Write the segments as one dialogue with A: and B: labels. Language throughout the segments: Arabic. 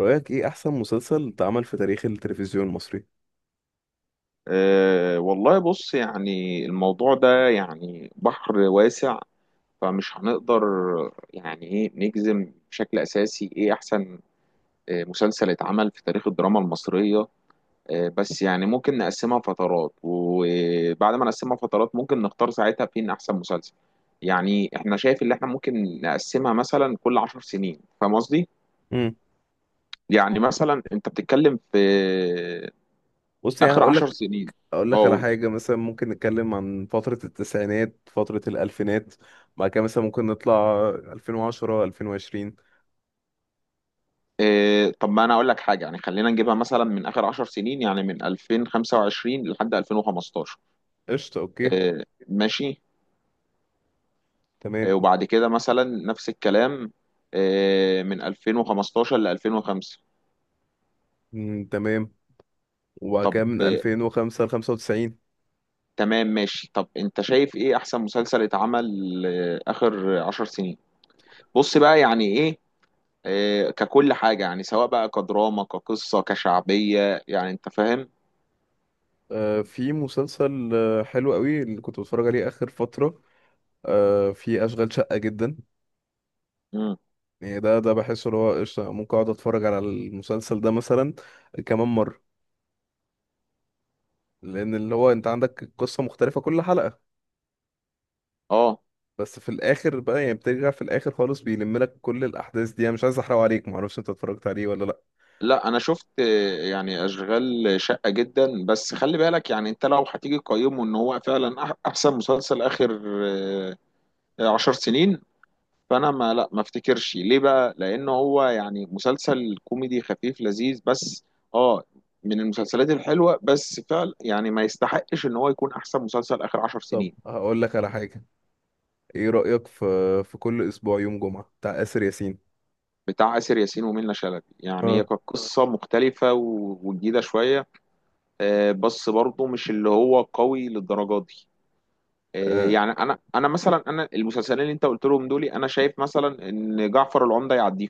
A: رأيك ايه احسن مسلسل اتعمل في تاريخ التلفزيون المصري؟
B: والله بص، يعني الموضوع ده يعني بحر واسع، فمش هنقدر يعني ايه نجزم بشكل اساسي ايه احسن مسلسل اتعمل في تاريخ الدراما المصرية. بس يعني ممكن نقسمها فترات، وبعد ما نقسمها فترات ممكن نختار ساعتها فين احسن مسلسل. يعني احنا شايف اللي احنا ممكن نقسمها مثلا كل عشر سنين، فاهم قصدي؟
A: امم.
B: يعني مثلا انت بتتكلم في آه،
A: بص، يعني
B: اخر
A: هقول
B: عشر
A: لك
B: سنين.
A: اقول
B: اه
A: لك على
B: قول.
A: حاجة، مثلا ممكن نتكلم عن فترة التسعينات، فترة الألفينات. بعد كده مثلا ممكن نطلع 2010، 2020.
B: إيه طب ما انا اقول لك حاجه، يعني خلينا نجيبها مثلا من اخر 10 سنين، يعني من 2025 لحد 2015.
A: قشطة، اوكي،
B: إيه ماشي. إيه
A: تمام.
B: وبعد كده مثلا نفس الكلام، إيه من 2015 ل 2005.
A: مم، تمام. وبعد
B: طب
A: كده من
B: إيه،
A: 2005 ل 95.
B: تمام ماشي. طب انت شايف ايه احسن مسلسل اتعمل إيه اخر 10 سنين؟ بص بقى، يعني ايه إيه ككل حاجه، يعني سواء بقى كدراما كقصه كشعبيه، يعني انت فاهم.
A: في مسلسل حلو قوي اللي كنت بتفرج عليه آخر فترة. في أشغال شقة جدا.
B: امم.
A: يعني ده بحس اللي هو قشطة، ممكن أقعد أتفرج على المسلسل ده مثلا كمان مرة. لان اللي هو انت عندك القصه مختلفه كل حلقه،
B: اه
A: بس في الاخر بقى يعني بترجع في الاخر خالص بيلم لك كل الاحداث دي. انا مش عايز احرق عليك، معرفش انت اتفرجت عليه ولا لا.
B: لا انا شفت، يعني اشغال شقة جدا، بس خلي بالك يعني انت لو هتيجي تقيمه ان هو فعلا احسن مسلسل اخر عشر سنين، فانا ما افتكرش ليه، بقى لان هو يعني مسلسل كوميدي خفيف لذيذ، بس اه، من المسلسلات الحلوة، بس فعلا يعني ما يستحقش ان هو يكون احسن مسلسل اخر عشر
A: طب
B: سنين.
A: هقول لك على حاجه، ايه رايك في في كل اسبوع يوم جمعه بتاع آسر ياسين؟
B: بتاع آسر ياسين ومنة شلبي، يعني
A: اه.
B: هي كانت قصة مختلفة وجديدة شوية. بس برضه مش اللي هو قوي للدرجة دي، آه،
A: آه.
B: يعني انا مثلا، انا المسلسلين اللي انت قلت لهم دول انا شايف مثلا ان جعفر العمدة يعديه،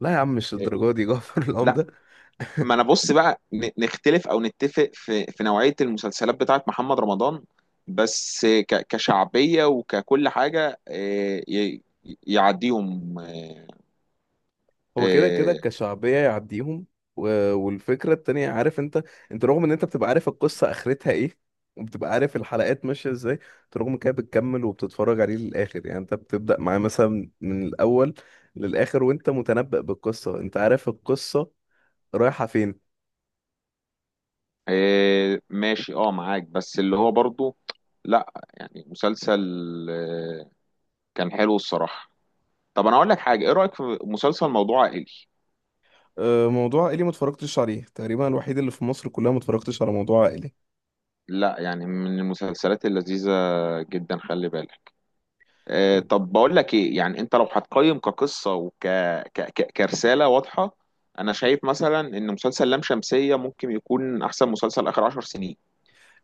A: لا يا عم، مش
B: إيه،
A: الدرجه دي جعفر
B: لا.
A: العمده.
B: ما انا بص بقى، نختلف او نتفق في نوعية المسلسلات بتاعت محمد رمضان، بس كشعبية وككل حاجة إيه، يعديهم إيه،
A: هو كده كده
B: إيه،
A: كشعبية يعديهم. و... والفكرة التانية، عارف انت، انت رغم ان انت بتبقى عارف القصة اخرتها ايه، وبتبقى عارف الحلقات ماشية ازاي، انت رغم كده بتكمل وبتتفرج عليه للآخر. يعني انت بتبدأ معاه مثلا من الأول للآخر وانت متنبأ بالقصة، انت عارف القصة رايحة فين.
B: إيه، ماشي اه معاك، بس اللي هو برضو لا يعني مسلسل، آه، كان حلو الصراحة. طب انا اقول لك حاجة، ايه رأيك في مسلسل موضوع عائلي؟
A: موضوع عائلي ما اتفرجتش عليه تقريبا، الوحيد اللي في مصر كلها ما اتفرجتش على موضوع عائلي.
B: لا يعني من المسلسلات اللذيذة جدا، خلي بالك. آه طب بقول لك ايه، يعني انت لو هتقيم كقصة وك ك... ك... كرسالة واضحة، انا شايف مثلا ان مسلسل لام شمسية ممكن يكون احسن مسلسل اخر عشر سنين.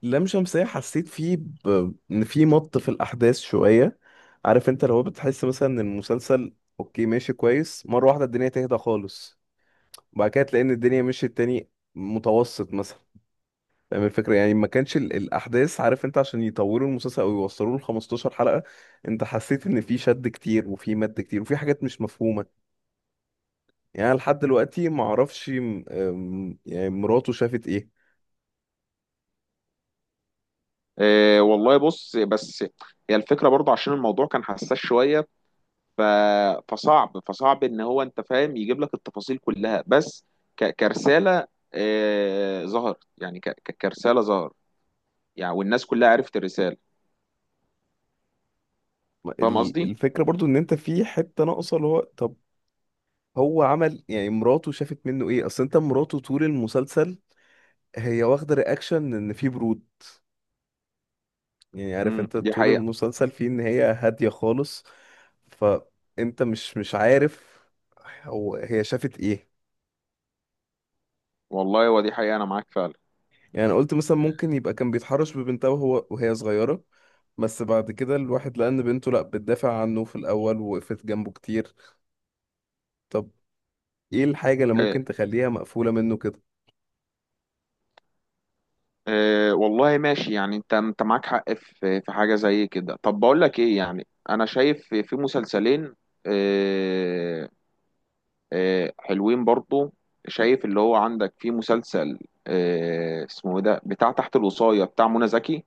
A: لام شمسية حسيت فيه ان في الاحداث شوية. عارف انت، لو بتحس مثلا ان المسلسل اوكي ماشي كويس مرة واحدة الدنيا تهدى خالص، وبعد كده تلاقي ان الدنيا مشيت تاني متوسط مثلا. فاهم الفكرة، يعني ما كانش الاحداث، عارف انت، عشان يطولوا المسلسل او يوصلوا ل 15 حلقة. انت حسيت ان في شد كتير وفي مد كتير وفي حاجات مش مفهومة. يعني أنا لحد دلوقتي ما اعرفش يعني مراته شافت ايه.
B: آه والله بص، بس هي الفكرة برضه عشان الموضوع كان حساس شوية، ف... فصعب ان هو انت فاهم يجيب لك التفاصيل كلها، بس ك... كرسالة آه ظهر، يعني ك... ك- كرسالة ظهر، يعني والناس كلها عرفت الرسالة، فاهم قصدي؟
A: الفكرة برضو ان انت في حتة ناقصة، اللي هو طب هو عمل يعني مراته شافت منه ايه؟ اصل انت مراته طول المسلسل هي واخده رياكشن ان في برود. يعني عارف انت،
B: دي
A: طول
B: حقيقة.
A: المسلسل فيه ان هي هاديه خالص. فانت مش عارف هي شافت ايه.
B: والله ودي حقيقة، أنا معاك فعلا.
A: يعني انا قلت مثلا ممكن يبقى كان بيتحرش ببنتها وهي صغيره. بس بعد كده الواحد لقى ان بنته لا، بتدافع عنه في الاول ووقفت جنبه كتير. طب ايه الحاجه اللي
B: إيه
A: ممكن تخليها مقفوله منه كده؟
B: إيه والله ماشي، يعني أنت معاك حق في في حاجة زي كده. طب بقول لك إيه، يعني أنا شايف في في مسلسلين إيه، إيه حلوين برضو. شايف اللي هو عندك في مسلسل إيه اسمه إيه ده، بتاع تحت الوصاية بتاع منى زكي،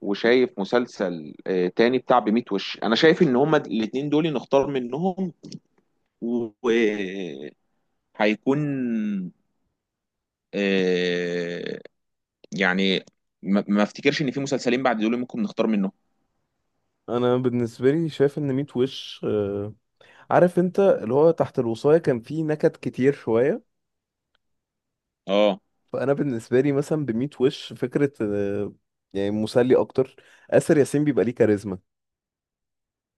B: وشايف مسلسل إيه تاني بتاع بميت وش. أنا شايف إن هما الاتنين دول نختار منهم، وهيكون آه، يعني ما افتكرش ان في مسلسلين بعد دول ممكن نختار منهم.
A: انا بالنسبه لي شايف ان ميت وش عارف انت، اللي هو تحت الوصاية كان فيه نكت كتير شوية.
B: اه.
A: فأنا بالنسبة لي مثلا بميت وش فكرة، يعني مسلي أكتر. آسر ياسين بيبقى ليه كاريزما،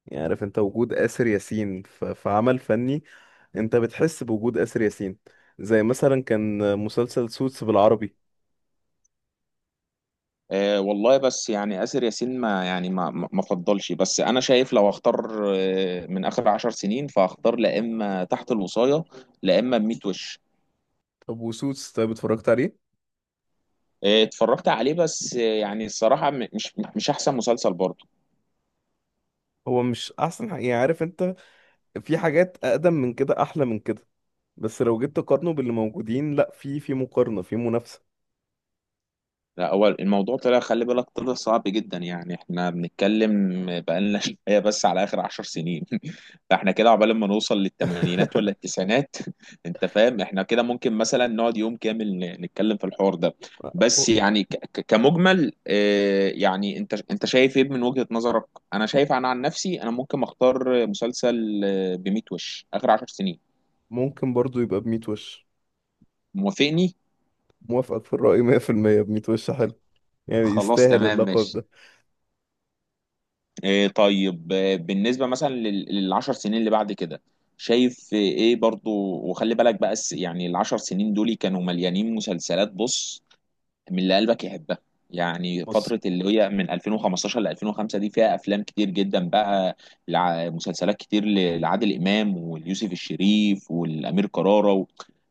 A: يعني عارف انت وجود آسر ياسين في عمل فني انت بتحس بوجود آسر ياسين، زي مثلا كان مسلسل سوتس بالعربي.
B: والله بس يعني آسر ياسين ما يعني ما ما ما فضلش، بس انا شايف لو اختار من اخر عشر سنين، فاختار لا اما تحت الوصاية، لا اما بميت وش.
A: طب وسوتس طيب اتفرجت عليه؟
B: اتفرجت عليه، بس يعني الصراحة مش احسن مسلسل برضه.
A: هو مش أحسن حاجة، يعني عارف انت، في حاجات أقدم من كده أحلى من كده، بس لو جيت تقارنه باللي موجودين لا في مقارنة في منافسة.
B: لا هو الموضوع طلع، خلي بالك، طلع صعب جدا، يعني احنا بنتكلم بقالنا شويه بس على اخر عشر سنين. فاحنا كده عقبال ما نوصل للثمانينات ولا التسعينات. انت فاهم احنا كده ممكن مثلا نقعد يوم كامل نتكلم في الحوار ده، بس يعني ك- ك- كمجمل يعني انت شايف ايه من وجهة نظرك؟ انا شايف عن نفسي، انا ممكن اختار مسلسل بميت وش اخر عشر سنين.
A: ممكن برضو يبقى بميت وش.
B: موافقني.
A: موافقك في الرأي 100%. بميت وش حلو، يعني
B: خلاص
A: يستاهل
B: تمام
A: اللقب
B: ماشي.
A: ده.
B: إيه طيب، بالنسبة مثلا للعشر سنين اللي بعد كده، شايف ايه برضو؟ وخلي بالك بقى، يعني العشر سنين دول كانوا مليانين مسلسلات، بص من اللي قلبك يحبها، يعني
A: بص،
B: فترة اللي هي من 2015 ل 2005 دي فيها أفلام كتير جدا بقى، مسلسلات كتير لعادل إمام واليوسف الشريف والأمير كرارة و...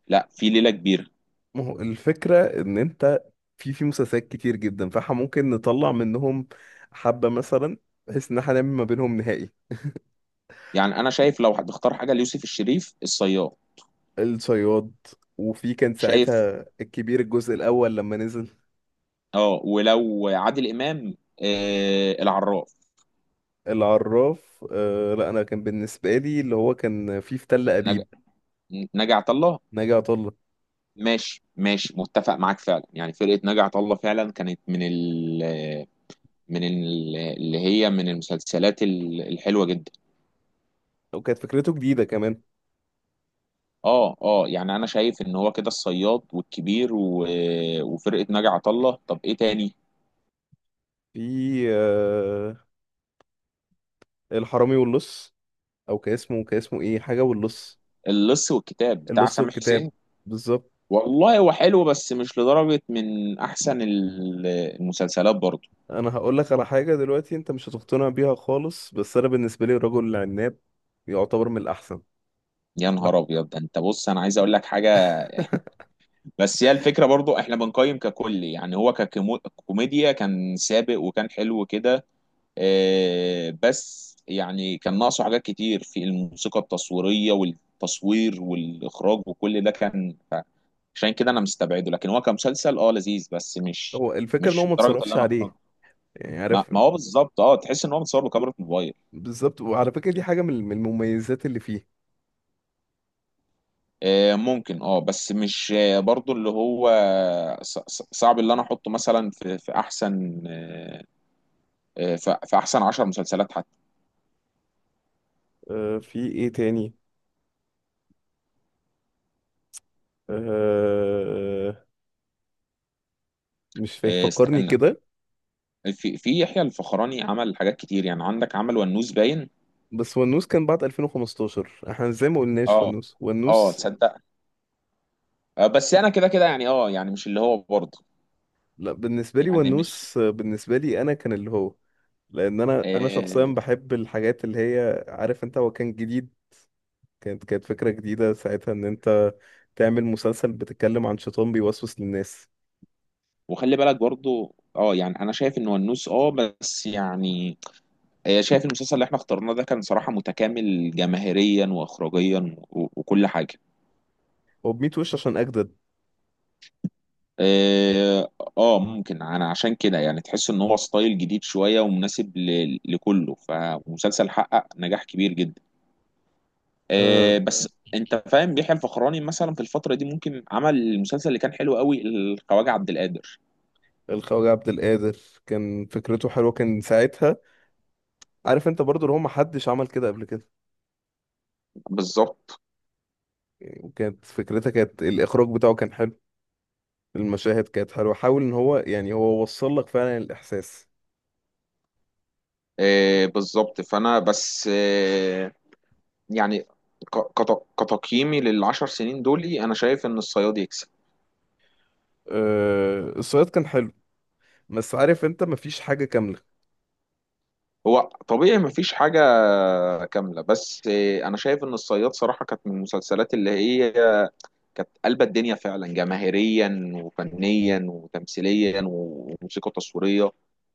B: لا في ليلة كبيرة.
A: ما هو الفكرة ان انت في مسلسلات كتير جدا، فاحنا ممكن نطلع منهم حبة مثلا بحيث ان احنا نعمل ما بينهم نهائي.
B: يعني أنا شايف لو هتختار حاجة ليوسف الشريف، الصياد.
A: الصياد. وفي كان
B: شايف
A: ساعتها الكبير الجزء الاول لما نزل.
B: اه، ولو عادل إمام، آه العراف.
A: العراف. لا انا كان بالنسبة لي اللي هو كان فيه في تل
B: نج...
A: ابيب.
B: نجا عطا الله.
A: ناجي عطا الله،
B: ماشي ماشي، متفق معاك فعلا، يعني فرقة نجا عطا الله فعلا كانت من ال اللي هي من المسلسلات الحلوة جدا.
A: وكانت فكرته جديدة كمان.
B: اه اه، يعني انا شايف ان هو كده الصياد والكبير و... وفرقة نجا عطا الله. طب ايه تاني؟
A: في آه الحرامي واللص، او كان اسمه ايه، حاجه واللص.
B: اللص والكتاب بتاع
A: اللص
B: سامح
A: والكتاب،
B: حسين.
A: بالظبط.
B: والله هو حلو، بس مش لدرجة من احسن المسلسلات برضه.
A: انا هقول لك على حاجه دلوقتي انت مش هتقتنع بيها خالص، بس انا بالنسبه لي الرجل العناب يعتبر من الاحسن.
B: يا
A: لا.
B: نهار ابيض، ده انت بص انا عايز اقول لك حاجة. بس هي الفكرة برضو، احنا بنقيم ككل، يعني هو ككوميديا كان سابق وكان حلو كده، بس يعني كان ناقصه حاجات كتير في الموسيقى التصويرية والتصوير والإخراج وكل ده كان عشان كده انا مستبعده، لكن هو كمسلسل اه لذيذ، بس مش
A: هو الفكره ان هو
B: مش
A: ما
B: درجة اللي
A: اتصرفش
B: انا احرجه.
A: عليه يعني
B: ما,
A: عارف.
B: ما هو بالظبط، اه تحس ان هو متصور بكاميرا موبايل.
A: بالظبط، وعلى فكره دي حاجه من المميزات اللي فيه.
B: ممكن اه، بس مش برضو اللي هو صعب اللي انا احطه مثلا في احسن في احسن 10 مسلسلات حتى.
A: في ايه تاني؟ آه مش فاكر، فكرني
B: استنى،
A: كده.
B: في يحيى الفخراني عمل حاجات كتير، يعني عندك عمل ونوس باين.
A: بس ونوس كان بعد 2015، احنا زي ما قلناش،
B: اه
A: ونوس
B: اه
A: ونوس.
B: تصدق، بس انا كده كده، يعني اه يعني مش اللي هو برضه،
A: لا بالنسبه لي
B: يعني مش
A: ونوس. بالنسبه لي انا كان اللي هو، لان انا شخصيا
B: آه.
A: بحب الحاجات اللي هي، عارف انت، هو كان جديد. كانت فكرة جديدة ساعتها، ان انت تعمل مسلسل بتتكلم عن شيطان بيوسوس للناس.
B: وخلي بالك برضه اه، يعني انا شايف ان ونوس اه، بس يعني شايف المسلسل اللي احنا اخترناه ده كان صراحة متكامل جماهيريا واخراجيا وكل حاجة.
A: وبميت وش عشان اجدد.
B: اه ممكن، انا عشان كده يعني تحس ان هو ستايل جديد شويه ومناسب لكله، فمسلسل حقق نجاح كبير جدا،
A: آه
B: بس انت فاهم بيحيى الفخراني مثلا في الفتره دي ممكن عمل المسلسل اللي كان حلو قوي، الخواجه عبد القادر.
A: الخواجة عبد القادر كان فكرته حلوه كان ساعتها، عارف انت، برضو اللي هو محدش عمل كده قبل كده.
B: بالظبط.
A: يعني وكانت فكرتها، كانت الاخراج بتاعه كان حلو، المشاهد كانت حلوه، حاول ان هو، يعني هو وصل لك فعلا الاحساس.
B: بالظبط، فانا بس يعني ك- كت- كتقييمي للعشر سنين دول، انا شايف ان الصياد يكسب.
A: الصياد كان حلو، بس عارف انت، مفيش حاجه كامله.
B: هو طبيعي مفيش حاجة كاملة، بس أنا شايف إن الصياد صراحة كانت من المسلسلات اللي هي كانت قلبة الدنيا فعلا، جماهيريا وفنيا وتمثيليا وموسيقى تصويرية.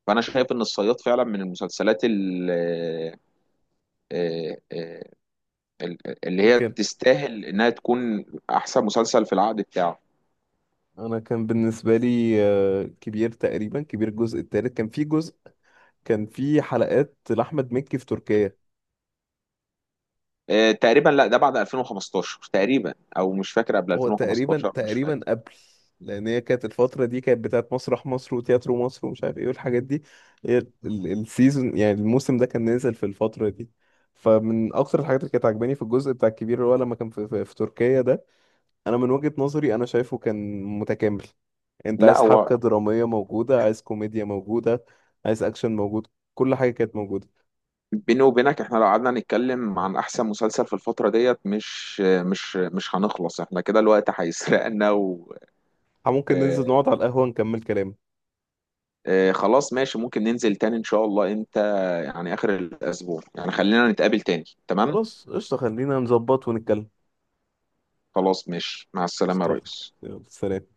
B: فأنا شايف إن الصياد فعلا من المسلسلات ال- اللي هي
A: يمكن.
B: تستاهل إنها تكون أحسن مسلسل في العقد بتاعه.
A: انا كان بالنسبه لي كبير، تقريبا كبير الجزء الثالث، كان في جزء كان في حلقات لاحمد مكي في تركيا.
B: تقريبا، لا ده بعد 2015 تقريبا، أو مش فاكر قبل
A: هو تقريبا
B: 2015، مش
A: تقريبا
B: فاكر.
A: قبل، لان هي كانت الفتره دي كانت بتاعت مسرح مصر وتياترو مصر ومش عارف ايه والحاجات دي. هي السيزون، يعني الموسم ده كان نازل في الفتره دي. فمن اكتر الحاجات اللي كانت عجباني في الجزء بتاع الكبير، اللي هو لما كان في تركيا ده، انا من وجهة نظري انا شايفه كان متكامل. انت
B: لا
A: عايز حبكة
B: هو
A: درامية موجودة، عايز كوميديا موجودة، عايز اكشن موجود، كل حاجة كانت موجودة.
B: بيني وبينك، احنا لو قعدنا نتكلم عن احسن مسلسل في الفترة ديت مش هنخلص، احنا كده الوقت هيسرقنا و...
A: ممكن ننزل
B: اه
A: نقعد على القهوة نكمل كلام.
B: اه خلاص ماشي، ممكن ننزل تاني ان شاء الله انت، يعني اخر الاسبوع، يعني خلينا نتقابل تاني، تمام.
A: خلاص قشطة، خلينا نظبط ونتكلم.
B: خلاص ماشي، مع السلامة يا
A: قشطة.
B: ريس.
A: يلا سلام.